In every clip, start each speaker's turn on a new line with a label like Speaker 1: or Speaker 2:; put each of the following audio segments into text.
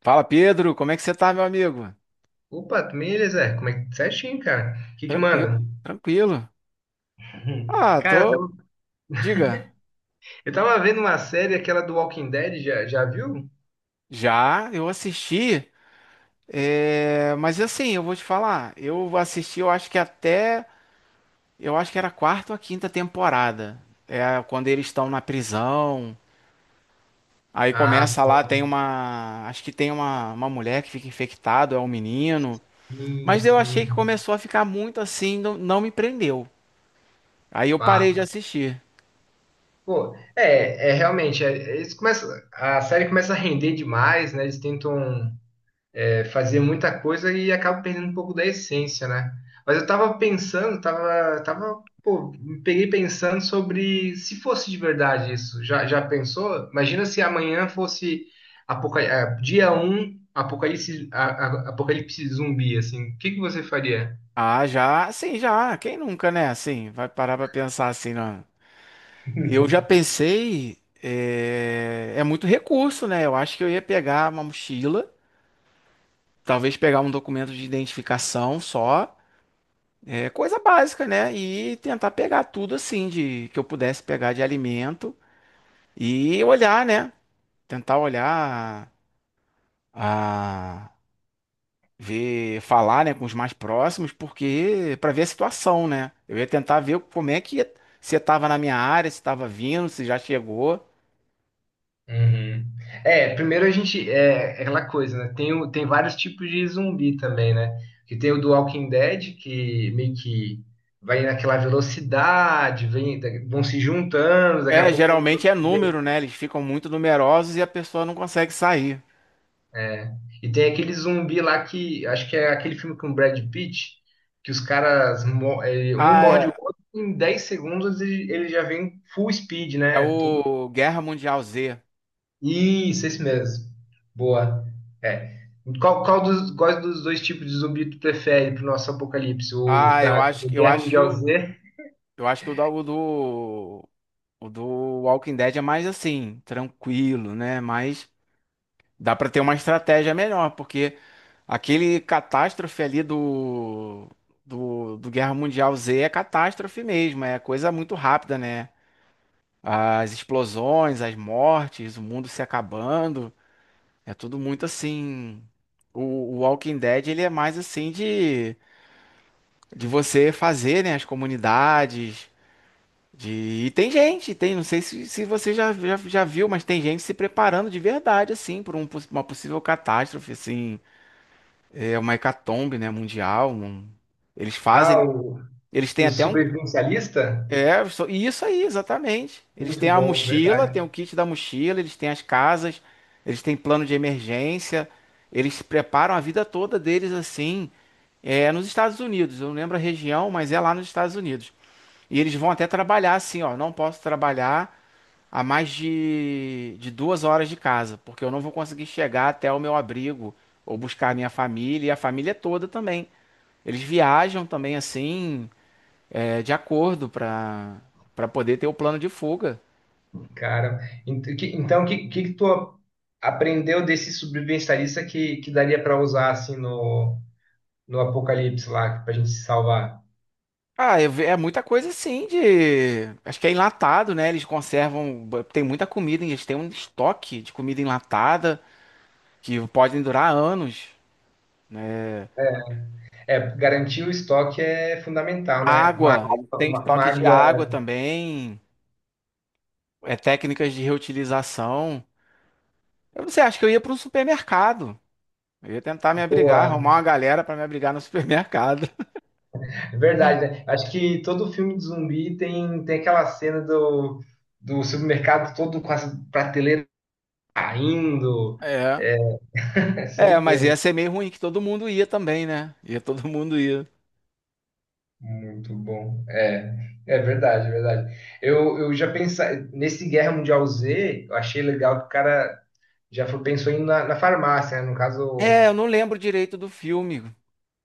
Speaker 1: Fala, Pedro, como é que você tá, meu amigo?
Speaker 2: Opa, também, Zé, como é que certinho, cara? O que que
Speaker 1: Tranquilo,
Speaker 2: manda?
Speaker 1: tranquilo. Ah,
Speaker 2: Cara, eu
Speaker 1: tô.
Speaker 2: tava,
Speaker 1: Diga,
Speaker 2: eu tava vendo uma série, aquela do Walking Dead, já viu?
Speaker 1: já eu assisti. É, mas assim, eu vou te falar, eu assisti, eu acho que até, eu acho que era a quarta ou a quinta temporada, é quando eles estão na prisão. Aí
Speaker 2: Ah,
Speaker 1: começa lá,
Speaker 2: pô,
Speaker 1: tem uma, acho que tem uma mulher que fica infectada, é um menino.
Speaker 2: sim,
Speaker 1: Mas eu achei que
Speaker 2: sim.
Speaker 1: começou a ficar muito assim, não, não me prendeu. Aí eu parei de
Speaker 2: Pá.
Speaker 1: assistir.
Speaker 2: Pô, é realmente, é, eles começam, a série começa a render demais, né? Eles tentam, é, fazia muita coisa e acaba perdendo um pouco da essência, né? Mas eu tava pensando, pô, me peguei pensando sobre se fosse de verdade isso. Já pensou? Imagina se amanhã fosse dia um apocalipse, apocalipse zumbi, assim. O que que você faria?
Speaker 1: Ah, já, sim, já. Quem nunca, né? Assim, vai parar pra pensar assim, não. Eu já pensei, é, é muito recurso, né? Eu acho que eu ia pegar uma mochila, talvez pegar um documento de identificação só, é coisa básica, né? E tentar pegar tudo assim de que eu pudesse pegar de alimento e olhar, né? Tentar olhar a ver, falar, né, com os mais próximos, porque para ver a situação, né? Eu ia tentar ver como é que você tava na minha área, se tava vindo, se já chegou.
Speaker 2: Uhum. É, primeiro a gente. É aquela coisa, né? Tem vários tipos de zumbi também, né? Que tem o do Walking Dead, que meio que vai naquela velocidade, vem, vão se juntando, daqui a
Speaker 1: É,
Speaker 2: pouco um você
Speaker 1: geralmente é
Speaker 2: vê.
Speaker 1: número, né? Eles ficam muito numerosos e a pessoa não consegue sair.
Speaker 2: É. E tem aquele zumbi lá. Que. Acho que é aquele filme com o Brad Pitt, que os caras, um
Speaker 1: Ah,
Speaker 2: morde o
Speaker 1: é,
Speaker 2: outro, em 10 segundos ele já vem full speed,
Speaker 1: é
Speaker 2: né? Todo.
Speaker 1: o Guerra Mundial Z.
Speaker 2: Isso, esse mesmo. Boa. É. Quais dos dois tipos de zumbi tu prefere pro nosso apocalipse? O
Speaker 1: Ah, eu
Speaker 2: da
Speaker 1: acho, eu
Speaker 2: Guerra
Speaker 1: acho que
Speaker 2: Mundial
Speaker 1: o,
Speaker 2: Z?
Speaker 1: eu acho que o do Walking Dead é mais assim, tranquilo, né? Mas dá pra ter uma estratégia melhor, porque aquele catástrofe ali do Guerra Mundial Z é catástrofe mesmo, é coisa muito rápida, né? As explosões, as mortes, o mundo se acabando, é tudo muito assim. O, o Walking Dead ele é mais assim de você fazer, né? As comunidades. De... E tem gente, tem, não sei se você já viu, mas tem gente se preparando de verdade, assim, por um, uma possível catástrofe, assim. É uma hecatombe, né, mundial. Eles
Speaker 2: Ah,
Speaker 1: fazem,
Speaker 2: o,
Speaker 1: eles têm
Speaker 2: o
Speaker 1: até um,
Speaker 2: sobrevivencialista?
Speaker 1: e isso aí, exatamente. Eles
Speaker 2: Muito
Speaker 1: têm a
Speaker 2: bom,
Speaker 1: mochila, têm
Speaker 2: verdade.
Speaker 1: o kit da mochila, eles têm as casas, eles têm plano de emergência, eles se preparam a vida toda deles assim, é nos Estados Unidos. Eu não lembro a região, mas é lá nos Estados Unidos. E eles vão até trabalhar assim, ó, não posso trabalhar a mais de 2 horas de casa, porque eu não vou conseguir chegar até o meu abrigo ou buscar a minha família e a família toda também. Eles viajam também assim, é, de acordo para para poder ter o plano de fuga.
Speaker 2: Cara, então o que tu aprendeu desse sobrevivencialista que daria para usar assim no apocalipse lá, pra gente se salvar?
Speaker 1: Ah, é, é muita coisa assim de. Acho que é enlatado, né? Eles conservam. Tem muita comida, hein? Eles têm um estoque de comida enlatada que podem durar anos.
Speaker 2: É, é, garantir o estoque é fundamental, né? Uma
Speaker 1: Água,
Speaker 2: água,
Speaker 1: eles têm
Speaker 2: uma
Speaker 1: estoque de
Speaker 2: água
Speaker 1: água também. É, técnicas de reutilização. Eu não sei, acho que eu ia para um supermercado. Eu ia tentar me abrigar, arrumar
Speaker 2: boa.
Speaker 1: uma galera para me abrigar no supermercado.
Speaker 2: É verdade, né? Acho que todo filme de zumbi tem aquela cena do supermercado todo com as prateleiras caindo.
Speaker 1: É.
Speaker 2: É, você
Speaker 1: É, mas
Speaker 2: entende.
Speaker 1: ia ser meio ruim que todo mundo ia também, né? Ia todo mundo ia.
Speaker 2: Muito bom. É verdade, é verdade. Eu já pensei, nesse Guerra Mundial Z, eu achei legal que o cara já foi, pensou em ir na farmácia, né? No
Speaker 1: É,
Speaker 2: caso,
Speaker 1: eu não lembro direito do filme. O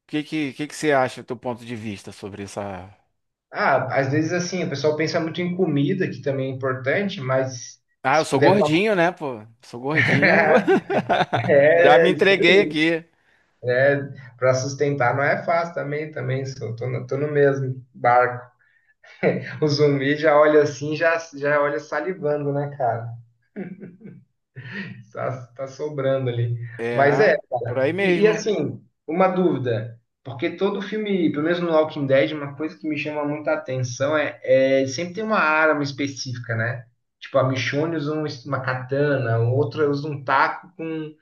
Speaker 1: que que você acha, do teu ponto de vista sobre essa...
Speaker 2: ah, às vezes assim, o pessoal pensa muito em comida, que também é importante, mas
Speaker 1: Ah, eu
Speaker 2: se
Speaker 1: sou
Speaker 2: puder passar.
Speaker 1: gordinho, né, pô? Sou gordinho. Já me
Speaker 2: É,
Speaker 1: entreguei aqui.
Speaker 2: para sustentar não é fácil também, também sou, tô no mesmo barco. O zumbi já olha assim, já olha salivando, né, cara? Tá sobrando ali. Mas é.
Speaker 1: É, por aí
Speaker 2: E,
Speaker 1: mesmo.
Speaker 2: assim, uma dúvida, porque todo filme, pelo menos no Walking Dead, uma coisa que me chama muita atenção é sempre tem uma arma específica, né? Tipo, a Michonne usa uma katana, o outro usa um taco com,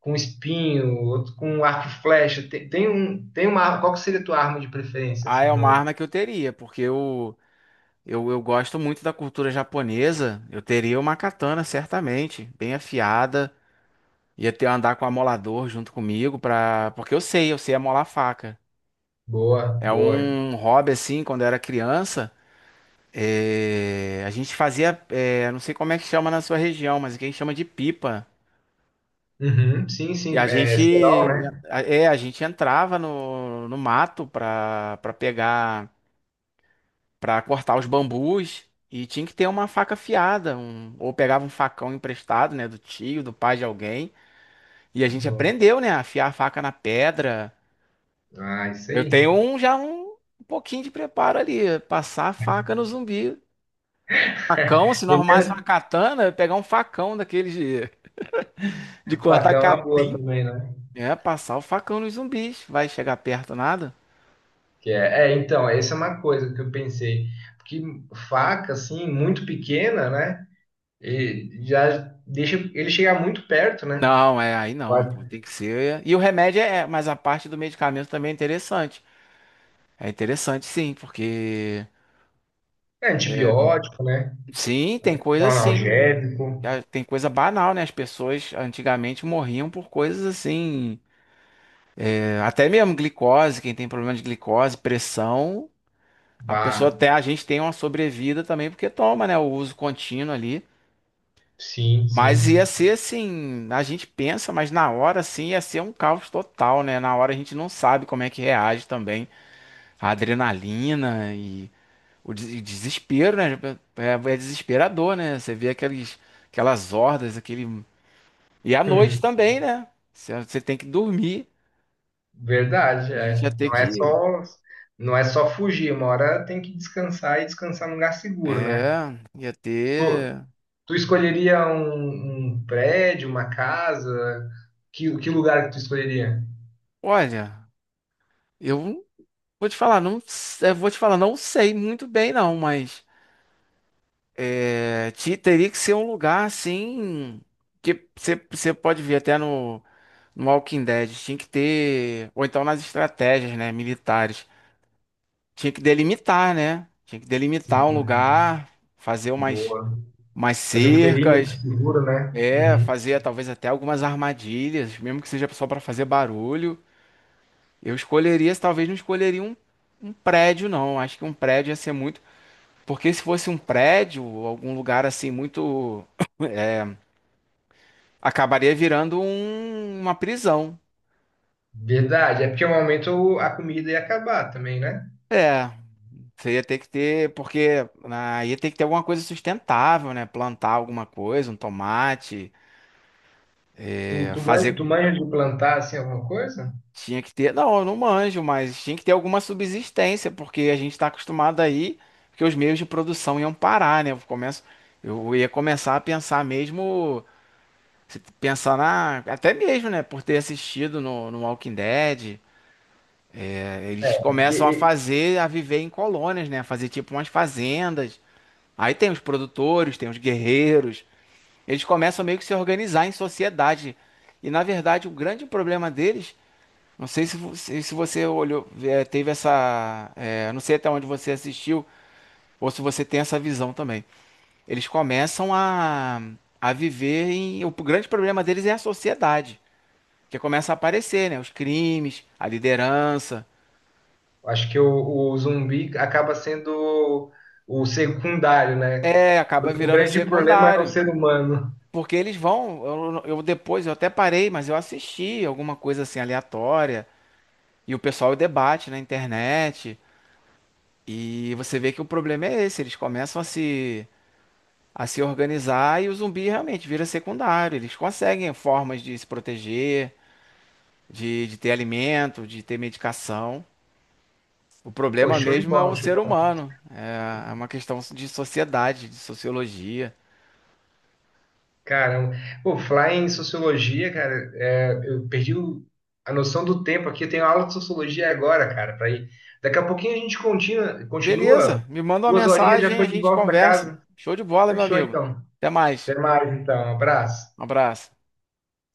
Speaker 2: com espinho, o outro com arco e flecha. Tem uma arma. Qual que seria a tua arma de preferência,
Speaker 1: Ah, é
Speaker 2: assim,
Speaker 1: uma
Speaker 2: no.
Speaker 1: arma que eu teria, porque eu gosto muito da cultura japonesa. Eu teria uma katana, certamente, bem afiada. Ia ter andar com o amolador junto comigo, pra... porque eu sei amolar faca.
Speaker 2: Boa,
Speaker 1: É
Speaker 2: boa.
Speaker 1: um hobby assim, quando eu era criança, a gente fazia, não sei como é que chama na sua região, mas aqui a gente chama de pipa.
Speaker 2: Uhum, sim,
Speaker 1: E
Speaker 2: sim,
Speaker 1: a
Speaker 2: é
Speaker 1: gente,
Speaker 2: Serol, né?
Speaker 1: é, a gente entrava no mato pra pegar, pra cortar os bambus e tinha que ter uma faca afiada, ou pegava um facão emprestado, né, do tio, do pai de alguém. E a gente
Speaker 2: Bom.
Speaker 1: aprendeu, né, a afiar a faca na pedra.
Speaker 2: Ah, isso
Speaker 1: Eu
Speaker 2: aí.
Speaker 1: tenho um já um pouquinho de preparo ali, passar a faca no zumbi. Facão, se não arrumasse uma katana, eu ia pegar um facão daqueles de cortar
Speaker 2: Bacana, uma boa
Speaker 1: capim,
Speaker 2: também, né?
Speaker 1: é, passar o facão nos zumbis. Vai chegar perto nada?
Speaker 2: Que é, então, essa é uma coisa que eu pensei. Porque faca, assim, muito pequena, né? E já deixa ele chegar muito perto, né?
Speaker 1: Não, é aí não,
Speaker 2: Quase.
Speaker 1: pô, tem que ser. E o remédio é, mas a parte do medicamento também é interessante. É interessante sim, porque
Speaker 2: É antibiótico, né?
Speaker 1: sim, tem
Speaker 2: Um
Speaker 1: coisa assim,
Speaker 2: analgésico.
Speaker 1: ah, tem coisa banal, né? As pessoas antigamente morriam por coisas assim, é, até mesmo glicose, quem tem problema de glicose, pressão, a pessoa
Speaker 2: Bah,
Speaker 1: até a gente tem uma sobrevida também porque toma, né, o uso contínuo ali.
Speaker 2: sim,
Speaker 1: Mas ia
Speaker 2: sim.
Speaker 1: ser assim, a gente pensa, mas na hora assim ia ser um caos total, né? Na hora a gente não sabe como é que reage também a adrenalina e e desespero, né? É, é desesperador, né? Você vê aqueles, aquelas hordas, aquele e à noite também, né? Você tem que dormir.
Speaker 2: Verdade,
Speaker 1: A gente ia
Speaker 2: é.
Speaker 1: ter que
Speaker 2: Não é só fugir, uma hora tem que descansar e descansar num lugar seguro, né?
Speaker 1: é, ia ter.
Speaker 2: Tu escolheria um prédio, uma casa? Que lugar que tu escolheria?
Speaker 1: Olha, eu vou te falar, não, vou te falar, não sei muito bem não, mas teria que ser um lugar assim que você pode ver até no Walking Dead, tinha que ter, ou então nas estratégias, né, militares, tinha que delimitar, né? Tinha que delimitar um
Speaker 2: Uhum.
Speaker 1: lugar, fazer umas,
Speaker 2: Boa.
Speaker 1: umas
Speaker 2: Fazer um perímetro
Speaker 1: cercas,
Speaker 2: seguro, né?
Speaker 1: é,
Speaker 2: Uhum.
Speaker 1: fazer talvez até algumas armadilhas, mesmo que seja só para fazer barulho. Eu escolheria, talvez não escolheria um prédio, não. Acho que um prédio ia ser muito. Porque se fosse um prédio, algum lugar assim muito, acabaria virando uma prisão.
Speaker 2: Verdade. É porque um momento a comida ia acabar também, né?
Speaker 1: É, você ia ter que ter, porque ah, ia ter que ter alguma coisa sustentável, né? Plantar alguma coisa, um tomate,
Speaker 2: Tu,
Speaker 1: é,
Speaker 2: tu, manja,
Speaker 1: fazer.
Speaker 2: tu manja de plantar, assim, alguma coisa?
Speaker 1: Tinha que ter, não, eu não manjo, mas tinha que ter alguma subsistência, porque a gente está acostumado aí que os meios de produção iam parar, né? Eu começo, eu ia começar a pensar mesmo, pensar na, até mesmo, né? Por ter assistido no Walking Dead. Eles
Speaker 2: É. Porque
Speaker 1: começam a
Speaker 2: e-
Speaker 1: fazer, a viver em colônias, né? A fazer tipo umas fazendas. Aí tem os produtores, tem os guerreiros. Eles começam meio que se organizar em sociedade. E na verdade, o grande problema deles, não sei se você, se você olhou, teve essa, não sei até onde você assistiu ou se você tem essa visão também. Eles começam a viver em, o grande problema deles é a sociedade, que começa a aparecer, né? Os crimes, a liderança.
Speaker 2: acho que o zumbi acaba sendo o secundário, né?
Speaker 1: É, acaba
Speaker 2: O
Speaker 1: virando
Speaker 2: grande problema é o
Speaker 1: secundário.
Speaker 2: ser humano.
Speaker 1: Porque eles vão, depois eu até parei, mas eu assisti alguma coisa assim aleatória e o pessoal debate na internet e você vê que o problema é esse, eles começam a se organizar e o zumbi realmente vira secundário, eles conseguem formas de se proteger, de ter alimento, de ter medicação. O
Speaker 2: Pô,
Speaker 1: problema
Speaker 2: show de
Speaker 1: mesmo é o
Speaker 2: bola, show.
Speaker 1: ser humano, é uma questão de sociedade, de sociologia.
Speaker 2: Caramba. Pô, falar em sociologia, cara, é, eu perdi a noção do tempo aqui. Eu tenho aula de sociologia agora, cara, para ir. Daqui a pouquinho a gente continua, continua.
Speaker 1: Beleza, me manda uma
Speaker 2: 2 horinhas já
Speaker 1: mensagem,
Speaker 2: tô
Speaker 1: a
Speaker 2: de
Speaker 1: gente
Speaker 2: volta da
Speaker 1: conversa.
Speaker 2: casa.
Speaker 1: Show de bola, meu
Speaker 2: Fechou,
Speaker 1: amigo.
Speaker 2: então.
Speaker 1: Até mais.
Speaker 2: Até mais, então. Abraço.
Speaker 1: Um abraço.